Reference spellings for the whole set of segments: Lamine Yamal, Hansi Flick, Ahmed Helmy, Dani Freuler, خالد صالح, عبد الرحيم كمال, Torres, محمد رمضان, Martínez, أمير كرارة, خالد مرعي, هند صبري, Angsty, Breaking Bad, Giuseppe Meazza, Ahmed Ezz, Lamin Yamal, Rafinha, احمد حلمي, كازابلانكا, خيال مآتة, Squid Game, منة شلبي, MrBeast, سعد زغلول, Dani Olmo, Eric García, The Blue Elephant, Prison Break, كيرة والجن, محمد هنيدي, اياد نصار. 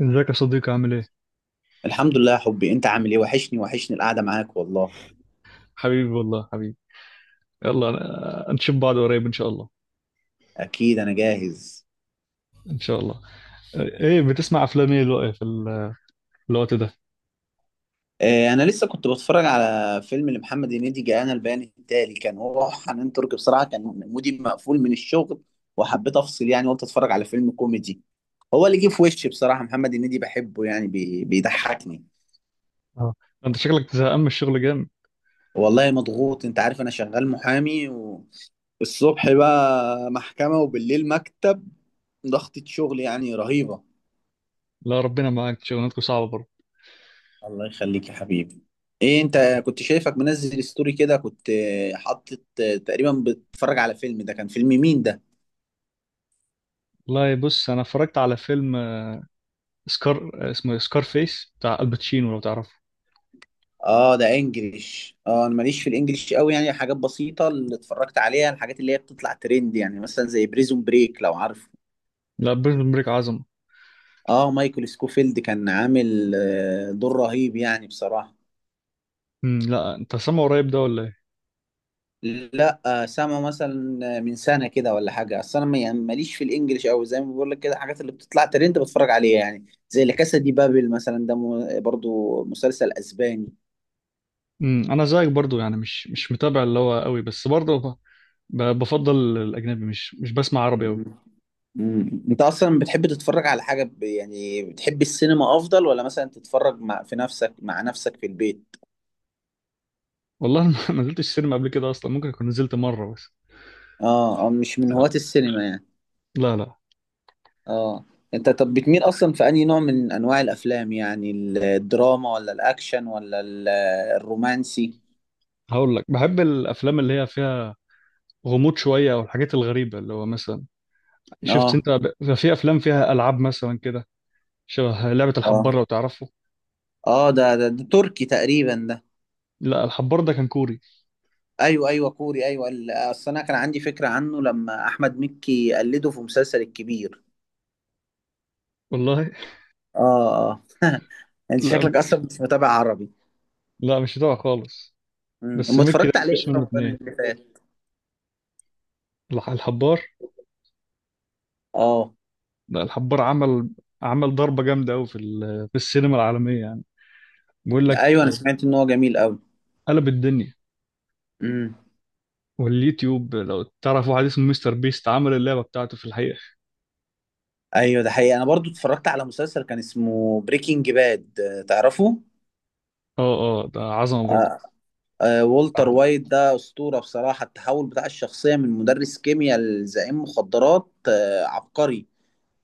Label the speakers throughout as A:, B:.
A: ازيك يا صديقي، عامل ايه؟
B: الحمد لله يا حبي، انت عامل ايه؟ وحشني القعده معاك والله.
A: حبيبي والله حبيبي. يلا. نشوف بعض قريب ان شاء الله.
B: اكيد انا جاهز.
A: ان شاء الله. ايه بتسمع افلام ايه الوقت في الوقت ده؟
B: اه، انا لسه كنت بتفرج على فيلم لمحمد هنيدي، جاءنا البيان التالي، كان هو وحنان ترك. بصراحه كان مودي مقفول من الشغل وحبيت افصل، يعني قلت اتفرج على فيلم كوميدي. هو اللي جه في وشي بصراحه، محمد هنيدي بحبه، يعني بيضحكني.
A: اه، انت شكلك زهقان من الشغل جامد.
B: والله مضغوط، انت عارف انا شغال محامي، والصبح بقى محكمه وبالليل مكتب، ضغطة شغل يعني رهيبه.
A: لا، ربنا معاك، شغلانتكم صعبة برضه.
B: الله يخليك يا حبيبي. ايه، انت كنت شايفك منزل ستوري كده، كنت حاطط تقريبا بتتفرج على فيلم، ده كان فيلم مين ده؟
A: والله بص انا اتفرجت على فيلم سكار، اسمه سكار فيس بتاع الباتشينو لو تعرفه.
B: اه، ده انجليش، اه انا ماليش في الانجليش قوي، يعني حاجات بسيطة اللي اتفرجت عليها، الحاجات اللي هي بتطلع ترند، يعني مثلا زي بريزون بريك لو عارفه.
A: لا، بريزون بريك عظمة.
B: اه، مايكل سكوفيلد كان عامل دور رهيب يعني بصراحة.
A: لا، انت سامعه قريب ده ولا ايه؟
B: لا سامع مثلا من سنه كده ولا حاجه، اصل انا يعني ماليش في الانجليش قوي زي ما بقول لك كده، الحاجات اللي بتطلع ترند بتفرج عليها، يعني زي لا كاسا دي بابل مثلا، ده برضو مسلسل اسباني.
A: انا زيك برضه، يعني مش متابع اللي هو قوي، بس برضه بفضل الاجنبي، مش بسمع عربي قوي.
B: مم. مم. انت اصلا بتحب تتفرج على حاجه، يعني بتحب السينما افضل، ولا مثلا تتفرج مع في نفسك مع نفسك في البيت؟
A: والله ما ما نزلتش السينما قبل كده اصلا، ممكن اكون نزلت مره بس.
B: اه اه، مش من
A: لا.
B: هواة السينما يعني.
A: لا، لا.
B: اه، انت طب بتميل اصلا في انهي نوع من انواع الافلام يعني؟ الدراما، ولا الاكشن، ولا الرومانسي؟
A: هقول لك بحب الافلام اللي هي فيها غموض شويه او الحاجات الغريبه اللي هو مثلا شفت
B: اه
A: انت، بيبقى في افلام فيها العاب مثلا كده، شبه لعبه
B: اه
A: الحبار لو تعرفه.
B: اه ده تركي تقريبا ده.
A: لا، الحبار ده كان كوري.
B: ايوه ايوه كوري ايوه، اصل انا كان عندي فكره عنه لما احمد مكي قلده في مسلسل الكبير.
A: والله
B: اه اه انت
A: لا،
B: شكلك اصلا مش متابع عربي.
A: لا، مش بتاعه خالص.
B: امم،
A: بس
B: أما
A: ميكي ده
B: اتفرجت عليه
A: مفيش
B: في
A: منه
B: رمضان
A: اتنين.
B: اللي فات.
A: الحبار.
B: اه
A: لا الحبار عمل، عمل ضربه جامده قوي في السينما العالميه يعني. بيقول
B: ايوه،
A: لك
B: انا سمعت ان هو جميل قوي.
A: قلب الدنيا.
B: امم.
A: واليوتيوب لو تعرف واحد اسمه مستر بيست عمل اللعبة بتاعته في الحقيقة.
B: ايوه ده حقيقي، انا برضو اتفرجت على مسلسل كان اسمه بريكنج باد، تعرفه؟
A: اه، اه، ده عظمة برضه.
B: آه آه، والتر وايت ده اسطوره بصراحه، التحول بتاع الشخصيه من مدرس كيمياء لزعيم مخدرات، آه عبقري.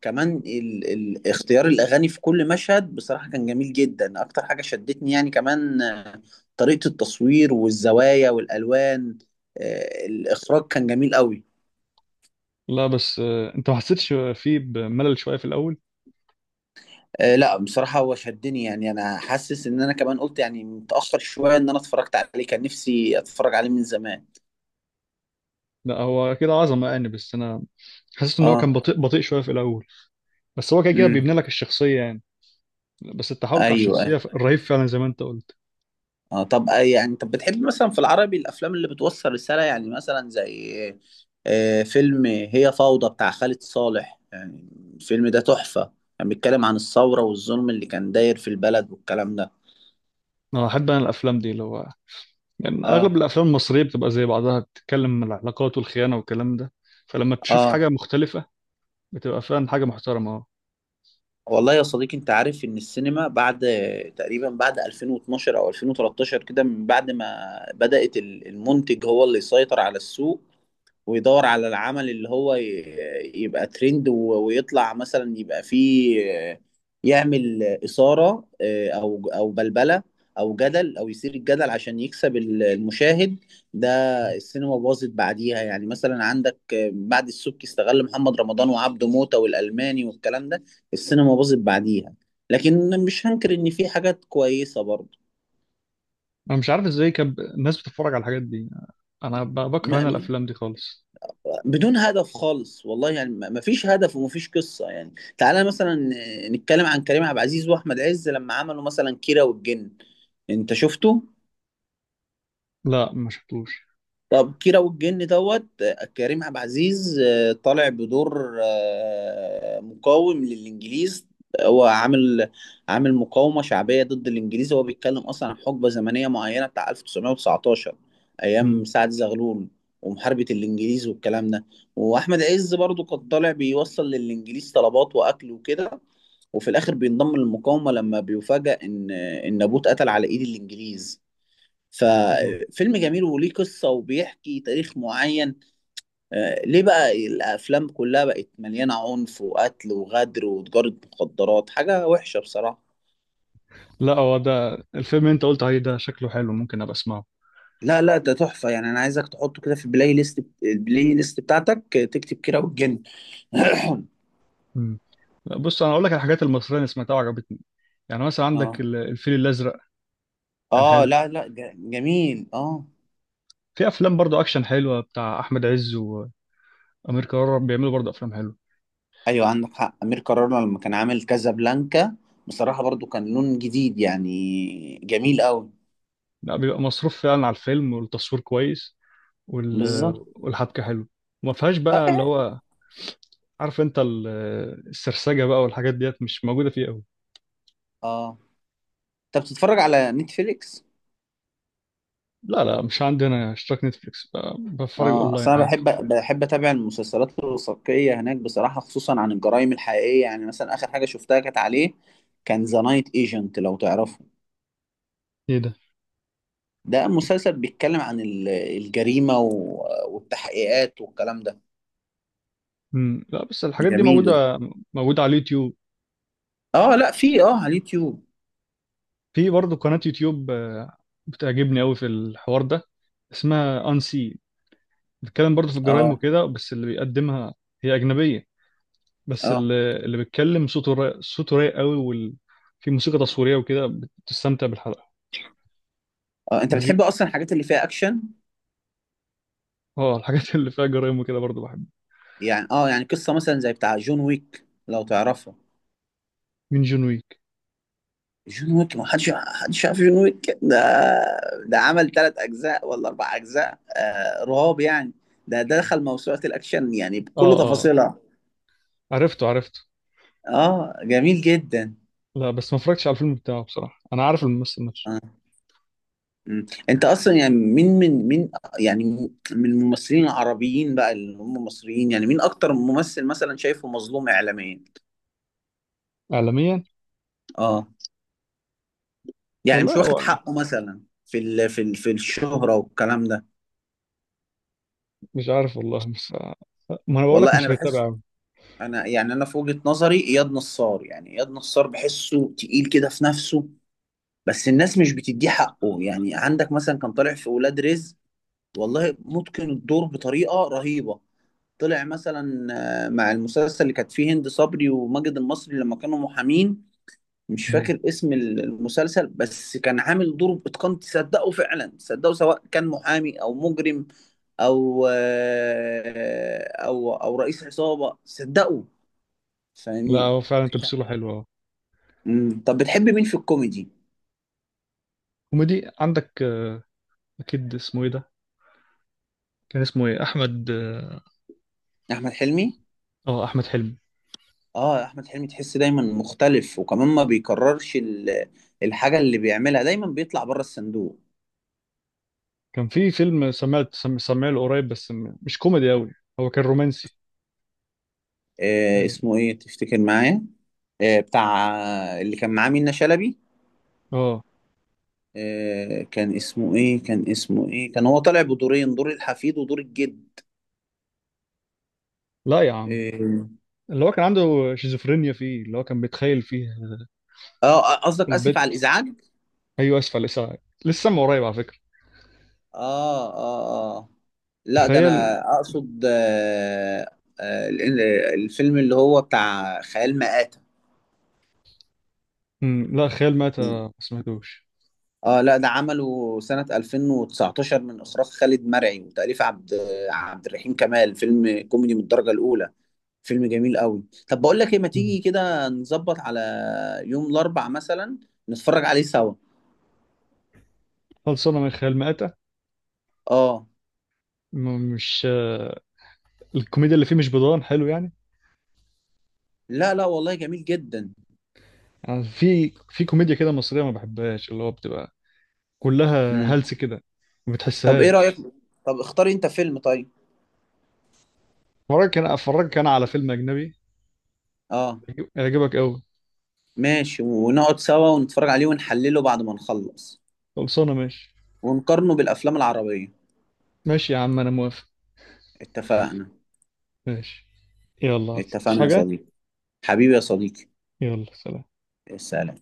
B: كمان اختيار الاغاني في كل مشهد بصراحه كان جميل جدا، اكتر حاجه شدتني يعني. كمان طريقه التصوير والزوايا والالوان، الاخراج كان جميل قوي.
A: لا بس انت ما حسيتش فيه بملل شوية في الأول؟
B: لا بصراحه هو شدني، يعني انا حاسس ان انا كمان قلت يعني متاخر شويه ان انا اتفرجت عليه، كان نفسي اتفرج عليه من زمان.
A: لا هو كده عظمة يعني، بس أنا حسيت إن هو
B: اه.
A: كان بطيء بطيء شوية في الأول. بس هو كده كده
B: امم.
A: بيبني لك الشخصية يعني. بس التحول بتاع
B: ايوه.
A: الشخصية رهيب فعلا، زي ما أنت قلت.
B: اه طب يعني، طب بتحب مثلا في العربي الافلام اللي بتوصل رساله يعني، مثلا زي فيلم هي فوضى بتاع خالد صالح يعني. الفيلم ده تحفه، كان بيتكلم عن الثوره والظلم اللي كان داير في البلد والكلام ده.
A: أنا الأفلام دي اللي هو، يعني
B: اه
A: أغلب الأفلام المصرية بتبقى زي بعضها، بتتكلم عن العلاقات والخيانة والكلام ده. فلما تشوف حاجة
B: اه.
A: مختلفة، بتبقى فعلا حاجة محترمة.
B: والله يا صديقي، انت عارف ان السينما بعد تقريبا بعد 2012 او 2013 كده، من بعد ما بدأت المنتج هو اللي يسيطر على السوق، ويدور على العمل اللي هو يبقى ترند ويطلع مثلا، يبقى فيه آه، يعمل إثارة، أو بلبلة أو جدل، أو يثير الجدل عشان يكسب المشاهد ده.
A: أه.
B: السينما باظت بعديها. يعني مثلا عندك بعد السبكي استغل محمد رمضان وعبده موتة والألماني والكلام ده، السينما باظت بعديها، لكن مش هنكر إن في حاجات كويسة.
A: انا مش عارف ازاي كان الناس بتتفرج على الحاجات دي. انا بكره انا
B: برضه
A: الافلام دي خالص.
B: بدون هدف خالص، والله يعني ما فيش هدف وما فيش قصة يعني. تعالى مثلا نتكلم عن كريم عبد العزيز واحمد عز لما عملوا مثلا كيرة والجن، انت شفته؟
A: لا، ما شفتوش.
B: طب، كيرة والجن دوت كريم عبد العزيز طالع بدور مقاوم للإنجليز، هو عامل مقاومة شعبية ضد الإنجليز، هو بيتكلم أصلا عن حقبة زمنية معينة بتاع 1919
A: مم.
B: أيام سعد زغلول ومحاربة الإنجليز والكلام ده. وأحمد عز برضو كان طالع بيوصل للإنجليز طلبات وأكل وكده، وفي الآخر بينضم للمقاومة لما بيفاجأ إن أبوه اتقتل على إيد الإنجليز.
A: مم.
B: ففيلم جميل وليه قصة وبيحكي تاريخ معين. ليه بقى الأفلام كلها بقت مليانة عنف وقتل وغدر وتجارة مخدرات، حاجة وحشة بصراحة.
A: لا، هو ده الفيلم اللي انت قلت عليه، ده شكله حلو، ممكن ابقى اسمعه.
B: لا لا، ده تحفة يعني، أنا عايزك تحطه كده في البلاي ليست، البلاي ليست بتاعتك، تكتب كيرة والجن.
A: مم. لا، بص انا اقول لك على الحاجات المصريه اللي سمعتها وعجبتني. يعني مثلا عندك
B: اه
A: الفيل الازرق، كان
B: اه،
A: حلو.
B: لا لا، جميل اه.
A: في افلام برضو اكشن حلوه بتاع احمد عز وامير كرارة، بيعملوا برضو افلام حلوه.
B: ايوه عندك حق، امير كرارة لما كان عامل كازابلانكا، بصراحة برضو كان لون جديد يعني، جميل قوي.
A: لا بيبقى مصروف فعلا على الفيلم، والتصوير كويس، وال...
B: بالظبط.
A: والحبكه حلوه، وما فيهاش بقى اللي هو، عارف انت السرسجة بقى والحاجات ديت مش موجودة فيه قوي.
B: اه، انت بتتفرج على نتفليكس؟
A: لا، لا، مش عندي انا اشتراك نتفليكس، بتفرج
B: اه،
A: اونلاين
B: اصل انا
A: عادي.
B: بحب اتابع المسلسلات الوثائقيه هناك بصراحه، خصوصا عن الجرائم الحقيقيه. يعني مثلا اخر حاجه شفتها كانت عليه، كان ذا نايت ايجنت لو تعرفه.
A: ايه ده؟
B: ده مسلسل بيتكلم عن الجريمه والتحقيقات والكلام ده.
A: مم. لا بس الحاجات دي
B: جميل.
A: موجودة، موجودة على اليوتيوب.
B: اه لا، في اه على اليوتيوب.
A: في برضه قناة يوتيوب بتعجبني قوي في الحوار ده، اسمها انسي، بتتكلم برضه في الجرائم
B: اه
A: وكده، بس اللي بيقدمها هي أجنبية. بس
B: اه
A: اللي بيتكلم صوته رايق، صوته رايق قوي، في موسيقى تصويرية وكده، بتستمتع بالحلقة.
B: اه، انت
A: بج...
B: بتحب اصلا الحاجات اللي فيها اكشن؟
A: اه، الحاجات اللي فيها جرائم وكده برضه بحب.
B: يعني اه، يعني قصه مثلا زي بتاع جون ويك لو تعرفه.
A: مين جون وي؟
B: جون ويك! ما حدش عارف جون ويك ده؟ ده عمل ثلاث اجزاء ولا اربع اجزاء، آه رهاب يعني. ده دخل موسوعة الاكشن يعني
A: اه،
B: بكل
A: اه،
B: تفاصيلها.
A: عرفته عرفته.
B: اه جميل جدا.
A: لا بس ما اتفرجتش على الفيلم بتاعه بصراحة، انا عارف الممثل نفسه.
B: آه. مم. انت اصلا يعني مين من مين يعني، من الممثلين العربيين بقى اللي هم مصريين، يعني مين اكتر ممثل مثلا شايفه مظلوم اعلاميا؟
A: اعلاميا.
B: اه، يعني مش
A: والله
B: واخد
A: هو
B: حقه مثلا في ال في ال في الشهرة والكلام ده.
A: مش عارف والله، بس ما انا بقول لك
B: والله انا
A: مش متابع
B: بحس،
A: أوي.
B: انا يعني، انا في وجهة نظري اياد نصار، يعني اياد نصار بحسه تقيل كده في نفسه، بس الناس مش بتديه حقه. يعني عندك مثلا كان طالع في ولاد رزق، والله متقن الدور بطريقة رهيبة. طلع مثلا مع المسلسل اللي كانت فيه هند صبري وماجد المصري لما كانوا محامين، مش
A: مم.
B: فاكر اسم المسلسل، بس كان عامل دور بإتقان تصدقه فعلا، تصدقه سواء كان محامي او مجرم، او آه، او او رئيس عصابة صدقه،
A: لا،
B: فاهمني؟
A: هو فعلا تمثيله حلو، اه.
B: مم. طب بتحب مين في الكوميدي؟
A: كوميدي عندك اكيد اسمه ايه ده، كان اسمه ايه، احمد، اه.
B: احمد حلمي.
A: احمد حلمي.
B: اه، احمد حلمي تحس دايما مختلف، وكمان ما بيكررش الحاجه اللي بيعملها، دايما بيطلع بره الصندوق.
A: كان في فيلم سمعت سمعه له قريب، بس مش كوميدي قوي، هو كان رومانسي.
B: آه
A: اه.
B: اسمه ايه تفتكر معايا؟ آه بتاع، اللي كان معاه منة شلبي.
A: آه.
B: آه، كان اسمه ايه، كان اسمه ايه، كان هو طالع بدورين، دور الحفيد ودور الجد.
A: لا يا عم،
B: اه
A: اللي هو كان عنده شيزوفرينيا فيه، اللي هو كان بيتخيل فيها
B: قصدك اسف على
A: البت.
B: الازعاج؟
A: ايوه، اسف على الازعاج. لسه من قريب على فكرة.
B: اه اه اه، لا، ده
A: تخيل.
B: انا اقصد آه آه الفيلم اللي هو بتاع خيال مآتة.
A: مم. لا خيال مآتة
B: مم.
A: ما سمعتوش.
B: اه لا ده عمله سنة 2019، من اخراج خالد مرعي وتأليف عبد الرحيم كمال، فيلم كوميدي من الدرجة الاولى، فيلم جميل قوي. طب بقول لك ايه، ما
A: مم.
B: تيجي كده نظبط على يوم الاربع مثلا، نتفرج عليه سوا.
A: خلصانة من خيال مآتة.
B: اه
A: مش الكوميديا اللي فيه مش بضان حلو يعني.
B: لا لا، والله جميل جدا.
A: يعني في كوميديا كده مصرية ما بحبهاش اللي هو بتبقى كلها
B: مم.
A: هلس كده، ما
B: طب ايه رأيك،
A: بتحسهاش.
B: طب اختاري انت فيلم طيب.
A: اتفرجك انا على فيلم اجنبي
B: اه
A: يعجبك قوي.
B: ماشي، ونقعد سوا ونتفرج عليه ونحلله بعد ما نخلص
A: خلصانة، ماشي.
B: ونقارنه بالأفلام العربية.
A: ماشي يا عم، انا موافق.
B: اتفقنا،
A: ماشي. يلا، عايز
B: اتفقنا يا
A: حاجة؟
B: صديقي، حبيبي يا صديقي،
A: يلا، سلام.
B: السلام.